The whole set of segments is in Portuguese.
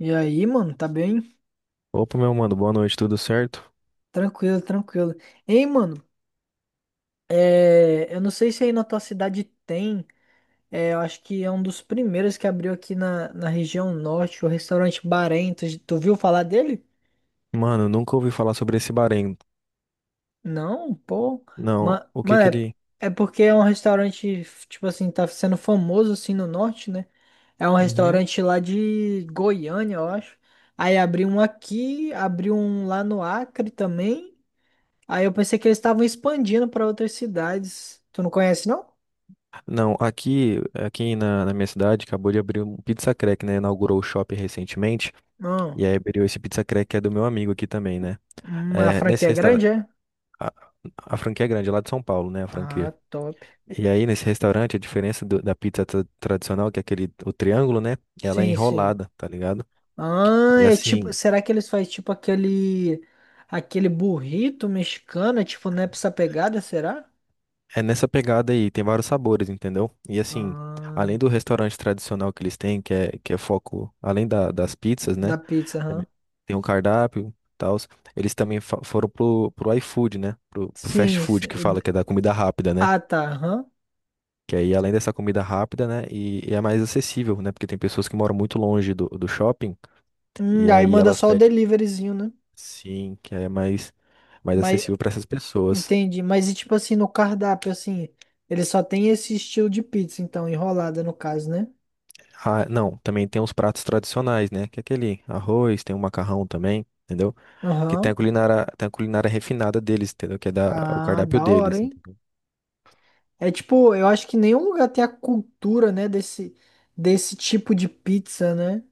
E aí, mano, tá bem? Opa, meu mano, boa noite, tudo certo? Tranquilo, tranquilo. Ei, mano, eu não sei se aí na tua cidade tem, eu acho que é um dos primeiros que abriu aqui na região norte, o restaurante Bahrein. Tu viu falar dele? Mano, nunca ouvi falar sobre esse Bahrein. Não, pô. Não, Ma- o que Mano, que é, ele. é porque é um restaurante, tipo assim, tá sendo famoso assim no norte, né? É um Uhum. restaurante lá de Goiânia, eu acho. Aí abriu um aqui, abriu um lá no Acre também. Aí eu pensei que eles estavam expandindo pra outras cidades. Tu não conhece, não? Não, aqui na minha cidade acabou de abrir um Pizza Crack, né? Inaugurou o shopping recentemente. Não. E aí abriu esse Pizza Crack que é do meu amigo aqui também, né? A É, franquia nesse é restaurante. grande, é? A, a franquia é grande, lá de São Paulo, né? A Ah, franquia. top. E aí, nesse restaurante, a diferença da pizza tradicional, que é aquele, o triângulo, né? Ela é Sim, sim. enrolada, tá ligado? Ah, E é tipo, assim, será que eles fazem tipo aquele burrito mexicano, é tipo nessa pegada, será? é nessa pegada aí, tem vários sabores, entendeu? E assim, Ah, além do restaurante tradicional que eles têm, que é foco, além das pizzas, da né? pizza, aham. Também tem um cardápio e tal. Eles também foram pro iFood, né? Pro fast Sim, food sim. que fala, que é da comida rápida, né? Ah, tá, aham. Que aí, além dessa comida rápida, né? E é mais acessível, né? Porque tem pessoas que moram muito longe do shopping, Hum, e aí aí manda elas só o pedem, deliveryzinho, né? sim, que é mais, mais Mas acessível para essas pessoas. entendi, mas e tipo assim no cardápio assim, ele só tem esse estilo de pizza, então enrolada no caso, né? Ah, não, também tem os pratos tradicionais, né? Que é aquele arroz, tem o macarrão também, entendeu? Que Aham. Tem a culinária refinada deles, entendeu? Que é da, o Ah, cardápio da hora, deles, hein? entendeu? É tipo, eu acho que nenhum lugar tem a cultura, né, desse tipo de pizza, né?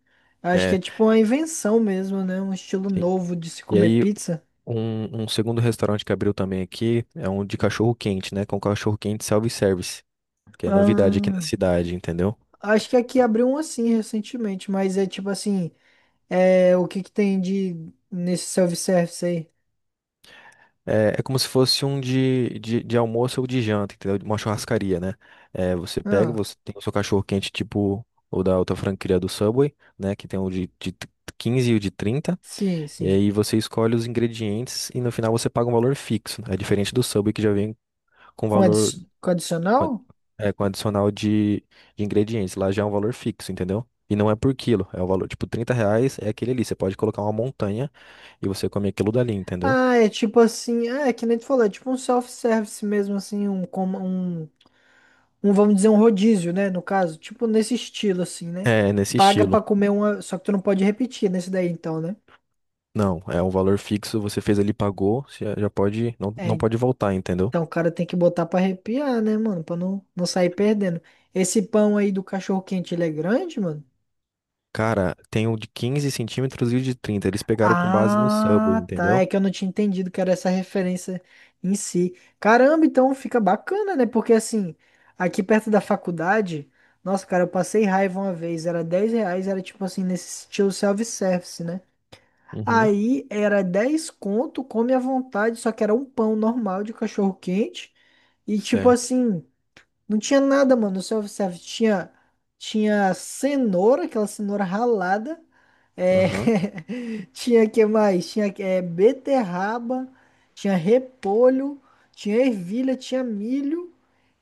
Eu acho que é É, tipo uma invenção mesmo, né? Um estilo sim. novo de se E comer aí, pizza. um segundo restaurante que abriu também aqui é um de cachorro quente, né? Com cachorro quente self-service, que é novidade aqui na Ah, cidade, entendeu? acho que aqui abriu um assim recentemente, mas é tipo assim, o que que tem de nesse self-service aí? É, é como se fosse um de almoço ou de janta, entendeu? Uma churrascaria, né? É, você pega, Ah, você tem o seu cachorro quente, tipo o da outra franquia do Subway, né? Que tem o de 15 e o de 30. sim, E sim. aí você escolhe os ingredientes e no final você paga um valor fixo, né? É diferente do Subway que já vem com Com, adi valor com com, adicional? é, com adicional de ingredientes. Lá já é um valor fixo, entendeu? E não é por quilo, é o valor, tipo, 30 reais é aquele ali. Você pode colocar uma montanha e você come aquilo dali, entendeu? Ah, é tipo assim, é que nem tu falou, é tipo um self-service mesmo, assim, um, vamos dizer, um rodízio, né? No caso, tipo nesse estilo, assim, né? É, é nesse Paga estilo. pra comer uma. Só que tu não pode repetir nesse daí, então, né? Não, é um valor fixo, você fez ali, pagou, você já pode, não, não É, pode voltar, entendeu? então o cara tem que botar pra arrepiar, né, mano? Pra não sair perdendo. Esse pão aí do cachorro-quente, ele é grande, mano? Cara, tem o de 15 centímetros e o de 30. Eles pegaram com base no Subway, Ah, tá. entendeu? É que eu não tinha entendido que era essa referência em si. Caramba, então fica bacana, né? Porque assim, aqui perto da faculdade. Nossa, cara, eu passei raiva uma vez, era R$ 10, era tipo assim, nesse estilo self-service, né? Uhum, Aí era 10 conto, come à vontade, só que era um pão normal de cachorro quente. E tipo certo. assim, não tinha nada, mano. No self-service tinha cenoura, aquela cenoura ralada. É, Aham. tinha que mais? Tinha beterraba, tinha repolho, tinha ervilha, tinha milho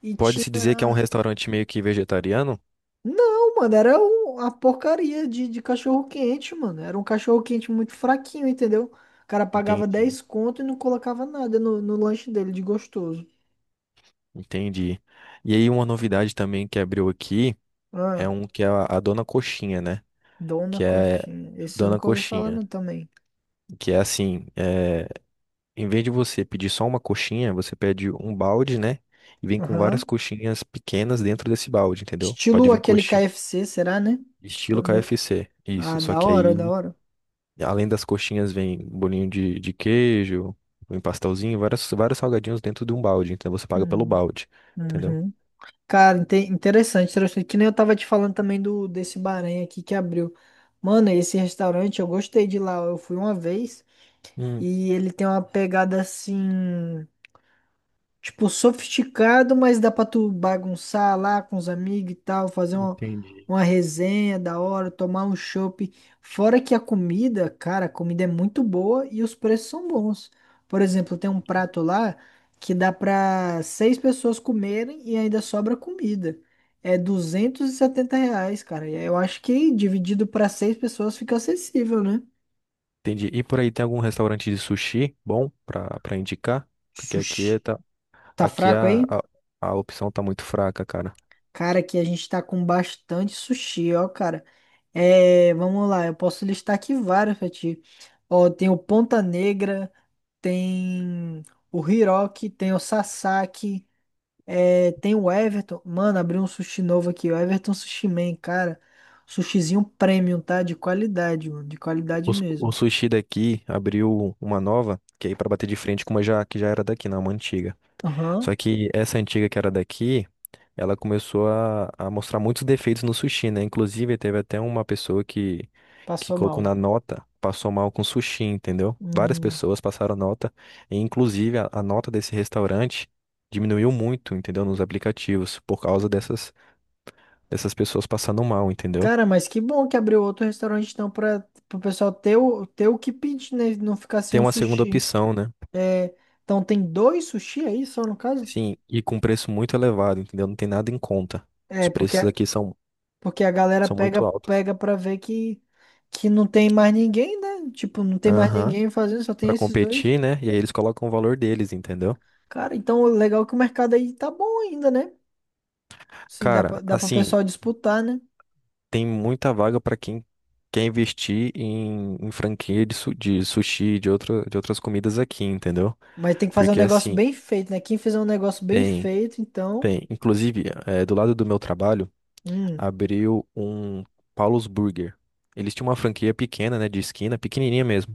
e Pode-se dizer que é um tinha. restaurante meio que vegetariano? Não, mano, era uma porcaria de cachorro quente, mano. Era um cachorro quente muito fraquinho, entendeu? O cara pagava Entendi, 10 conto e não colocava nada no lanche dele de gostoso. entendi. E aí uma novidade também que abriu aqui é Ah, um que é a Dona Coxinha, né? Dona Que é Coxinha. Esse eu Dona nunca ouvi falar, Coxinha, não, também. que é assim, é em vez de você pedir só uma coxinha, você pede um balde, né? E vem com várias Aham. coxinhas pequenas dentro desse balde, entendeu? Pode Estilo vir aquele coxinha. KFC, será, né? Tipo, Estilo né? KFC. Isso. Ah, Só da que hora, da aí, hora. além das coxinhas, vem bolinho de queijo, um pastelzinho, várias, vários salgadinhos dentro de um balde. Então você paga pelo Hum, balde, entendeu? uhum. Cara, interessante, interessante. Que nem eu tava te falando também do desse Bahrein aqui que abriu. Mano, esse restaurante, eu gostei de lá. Eu fui uma vez. Hum, E ele tem uma pegada assim, tipo, sofisticado, mas dá pra tu bagunçar lá com os amigos e tal, fazer uma, entendi. uma resenha da hora, tomar um chopp. Fora que a comida, cara, a comida é muito boa e os preços são bons. Por exemplo, tem um prato lá que dá pra seis pessoas comerem e ainda sobra comida. É R$ 270, cara. Eu acho que dividido pra seis pessoas fica acessível, né? Entendi. E por aí tem algum restaurante de sushi bom pra, pra indicar? Porque aqui, é Sushi. tá, Tá aqui fraco a, aí? a, a opção tá muito fraca, cara. Cara, aqui a gente tá com bastante sushi, ó, cara. É, vamos lá, eu posso listar aqui vários pra ti. Ó, tem o Ponta Negra, tem o Hiroki, tem o Sasaki, tem o Everton. Mano, abriu um sushi novo aqui, o Everton Sushi Man, cara. Sushizinho premium, tá? De qualidade, mano, de qualidade O, o mesmo. sushi daqui abriu uma nova, que é aí para bater de frente com uma já, que já era daqui, não, uma antiga. Só Aham, que essa antiga que era daqui, ela começou a mostrar muitos defeitos no sushi, né? Inclusive, teve até uma pessoa que passou colocou mal. na nota, passou mal com sushi, entendeu? Várias Hum, pessoas passaram nota, e inclusive a nota desse restaurante diminuiu muito, entendeu? Nos aplicativos, por causa dessas, dessas pessoas passando mal, entendeu? cara, mas que bom que abriu outro restaurante então pra, pro pessoal ter o que pedir, né? Não ficar sem Tem o uma segunda sushi. opção, né? É, então tem dois sushi aí só no caso? Sim, e com preço muito elevado, entendeu? Não tem nada em conta. Os É, porque, preços aqui são, porque a galera são pega muito altos. pega pra ver que não tem mais ninguém, né? Tipo, não tem mais Aham. ninguém fazendo, só tem Pra esses dois. competir, né? E aí eles colocam o valor deles, entendeu? Cara, então legal é que o mercado aí tá bom ainda, né? Sim, Cara, dá pro assim, pessoal disputar, né? tem muita vaga pra quem quer investir em, em franquia de, de sushi, de outra, de outras comidas aqui, entendeu? Mas tem que fazer um Porque negócio assim, bem feito, né? Quem fizer um negócio bem tem, feito, então. tem. Inclusive, do lado do meu trabalho, Hum, abriu um Paulo's Burger. Eles tinham uma franquia pequena, né, de esquina, pequenininha mesmo.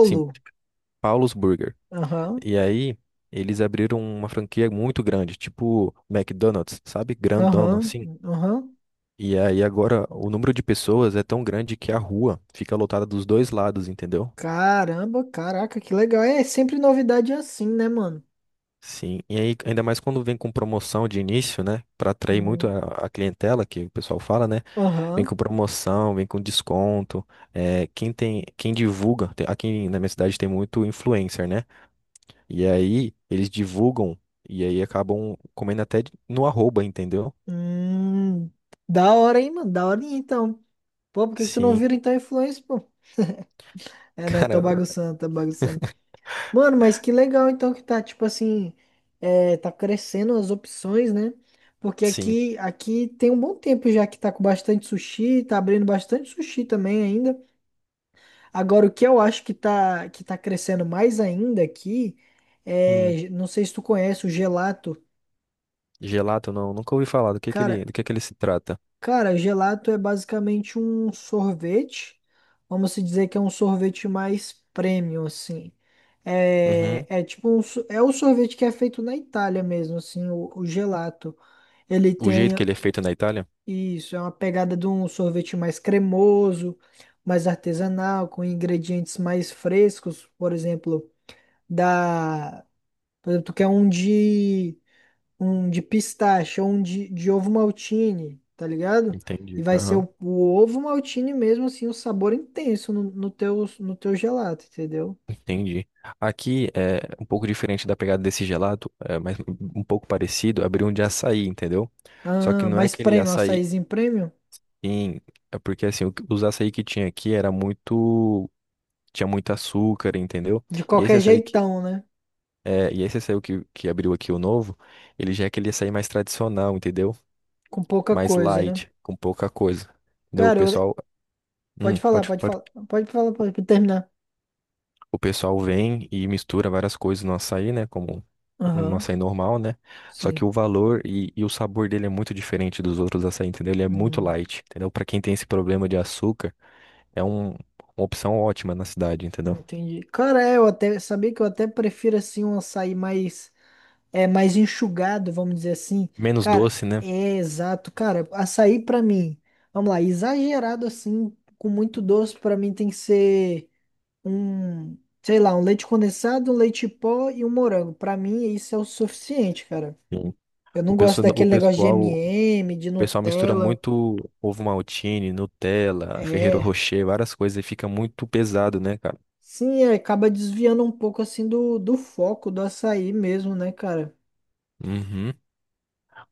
Assim, Paulo's Burger. Aham, E aí, eles abriram uma franquia muito grande, tipo McDonald's, sabe? Grandona, aham, assim. aham. E aí agora o número de pessoas é tão grande que a rua fica lotada dos dois lados, entendeu? Caramba, caraca, que legal. É sempre novidade assim, né, mano? Sim. E aí, ainda mais quando vem com promoção de início, né? Pra atrair muito Hum, a clientela, que o pessoal fala, né? Vem Aham. com promoção, vem com desconto. É, quem tem, quem divulga, aqui na minha cidade tem muito influencer, né? E aí, eles divulgam e aí acabam comendo até no arroba, entendeu? Hum, da hora, hein, mano? Da hora, então. Pô, por que que tu não Sim. vira, então, influência, pô? É, não, tô Cara, bagunçando, tô bagunçando. Mano, mas que legal, então, que tá, tipo assim, tá crescendo as opções, né? Porque sim. aqui tem um bom tempo já que tá com bastante sushi, tá abrindo bastante sushi também ainda. Agora, o que eu acho que tá, crescendo mais ainda aqui, Hum, não sei se tu conhece o gelato. gelato não, nunca ouvi falar do que Cara, ele, do que ele se trata. Cara, gelato é basicamente um sorvete. Vamos se dizer que é um sorvete mais premium, assim. É, Uhum. é tipo é o sorvete que é feito na Itália mesmo, assim, o gelato. Ele O jeito tem que ele é feito na Itália? isso, é uma pegada de um sorvete mais cremoso, mais artesanal, com ingredientes mais frescos, da, por exemplo, tu quer um de pistache ou um de ovo maltine, tá ligado? E Entendi. vai ser Aham. o ovo maltine mesmo, assim, o sabor intenso no teu gelato, entendeu? Entendi. Aqui é um pouco diferente da pegada desse gelato, é, mas um pouco parecido, abrir um de açaí, entendeu? Só que Ah, não é mas aquele premium, açaí açaizinho premium? em... É porque assim, os açaí que tinha aqui era muito... Tinha muito açúcar, entendeu? De E esse qualquer açaí que... jeitão, né? É, e esse açaí que abriu aqui o novo, ele já é aquele açaí mais tradicional, entendeu? Com pouca Mais coisa, né? light, com pouca coisa. Entendeu? O Cara, pessoal, pode falar, pode, pode pode. falar, pode falar, pode terminar. O pessoal vem e mistura várias coisas no açaí, né? Como no Aham, açaí normal, né? Só que sim. o valor e o sabor dele é muito diferente dos outros açaí, entendeu? Ele é muito Hum, light, entendeu? Pra quem tem esse problema de açúcar, é um- uma opção ótima na cidade, entendeu? entendi. Cara, eu até sabia que eu até prefiro assim um açaí mais mais enxugado, vamos dizer assim. Menos Cara, doce, né? é exato, cara. Açaí pra mim, vamos lá, exagerado assim, com muito doce, pra mim tem que ser um, sei lá, um leite condensado, um leite pó e um morango. Pra mim isso é o suficiente, cara. Sim. Eu não O gosto pessoal, o daquele negócio de pessoal, o M&M, de pessoal mistura Nutella. muito ovo maltine, Nutella, Ferrero É. Rocher, várias coisas e fica muito pesado, né, cara? Sim, acaba desviando um pouco assim do foco do açaí mesmo, né, cara? Uhum.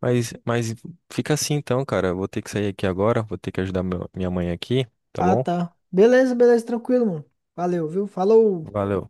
Mas fica assim então, cara. Eu vou ter que sair aqui agora, vou ter que ajudar minha mãe aqui, tá Ah, bom? tá. Beleza, beleza, tranquilo, mano. Valeu, viu? Falou. Valeu.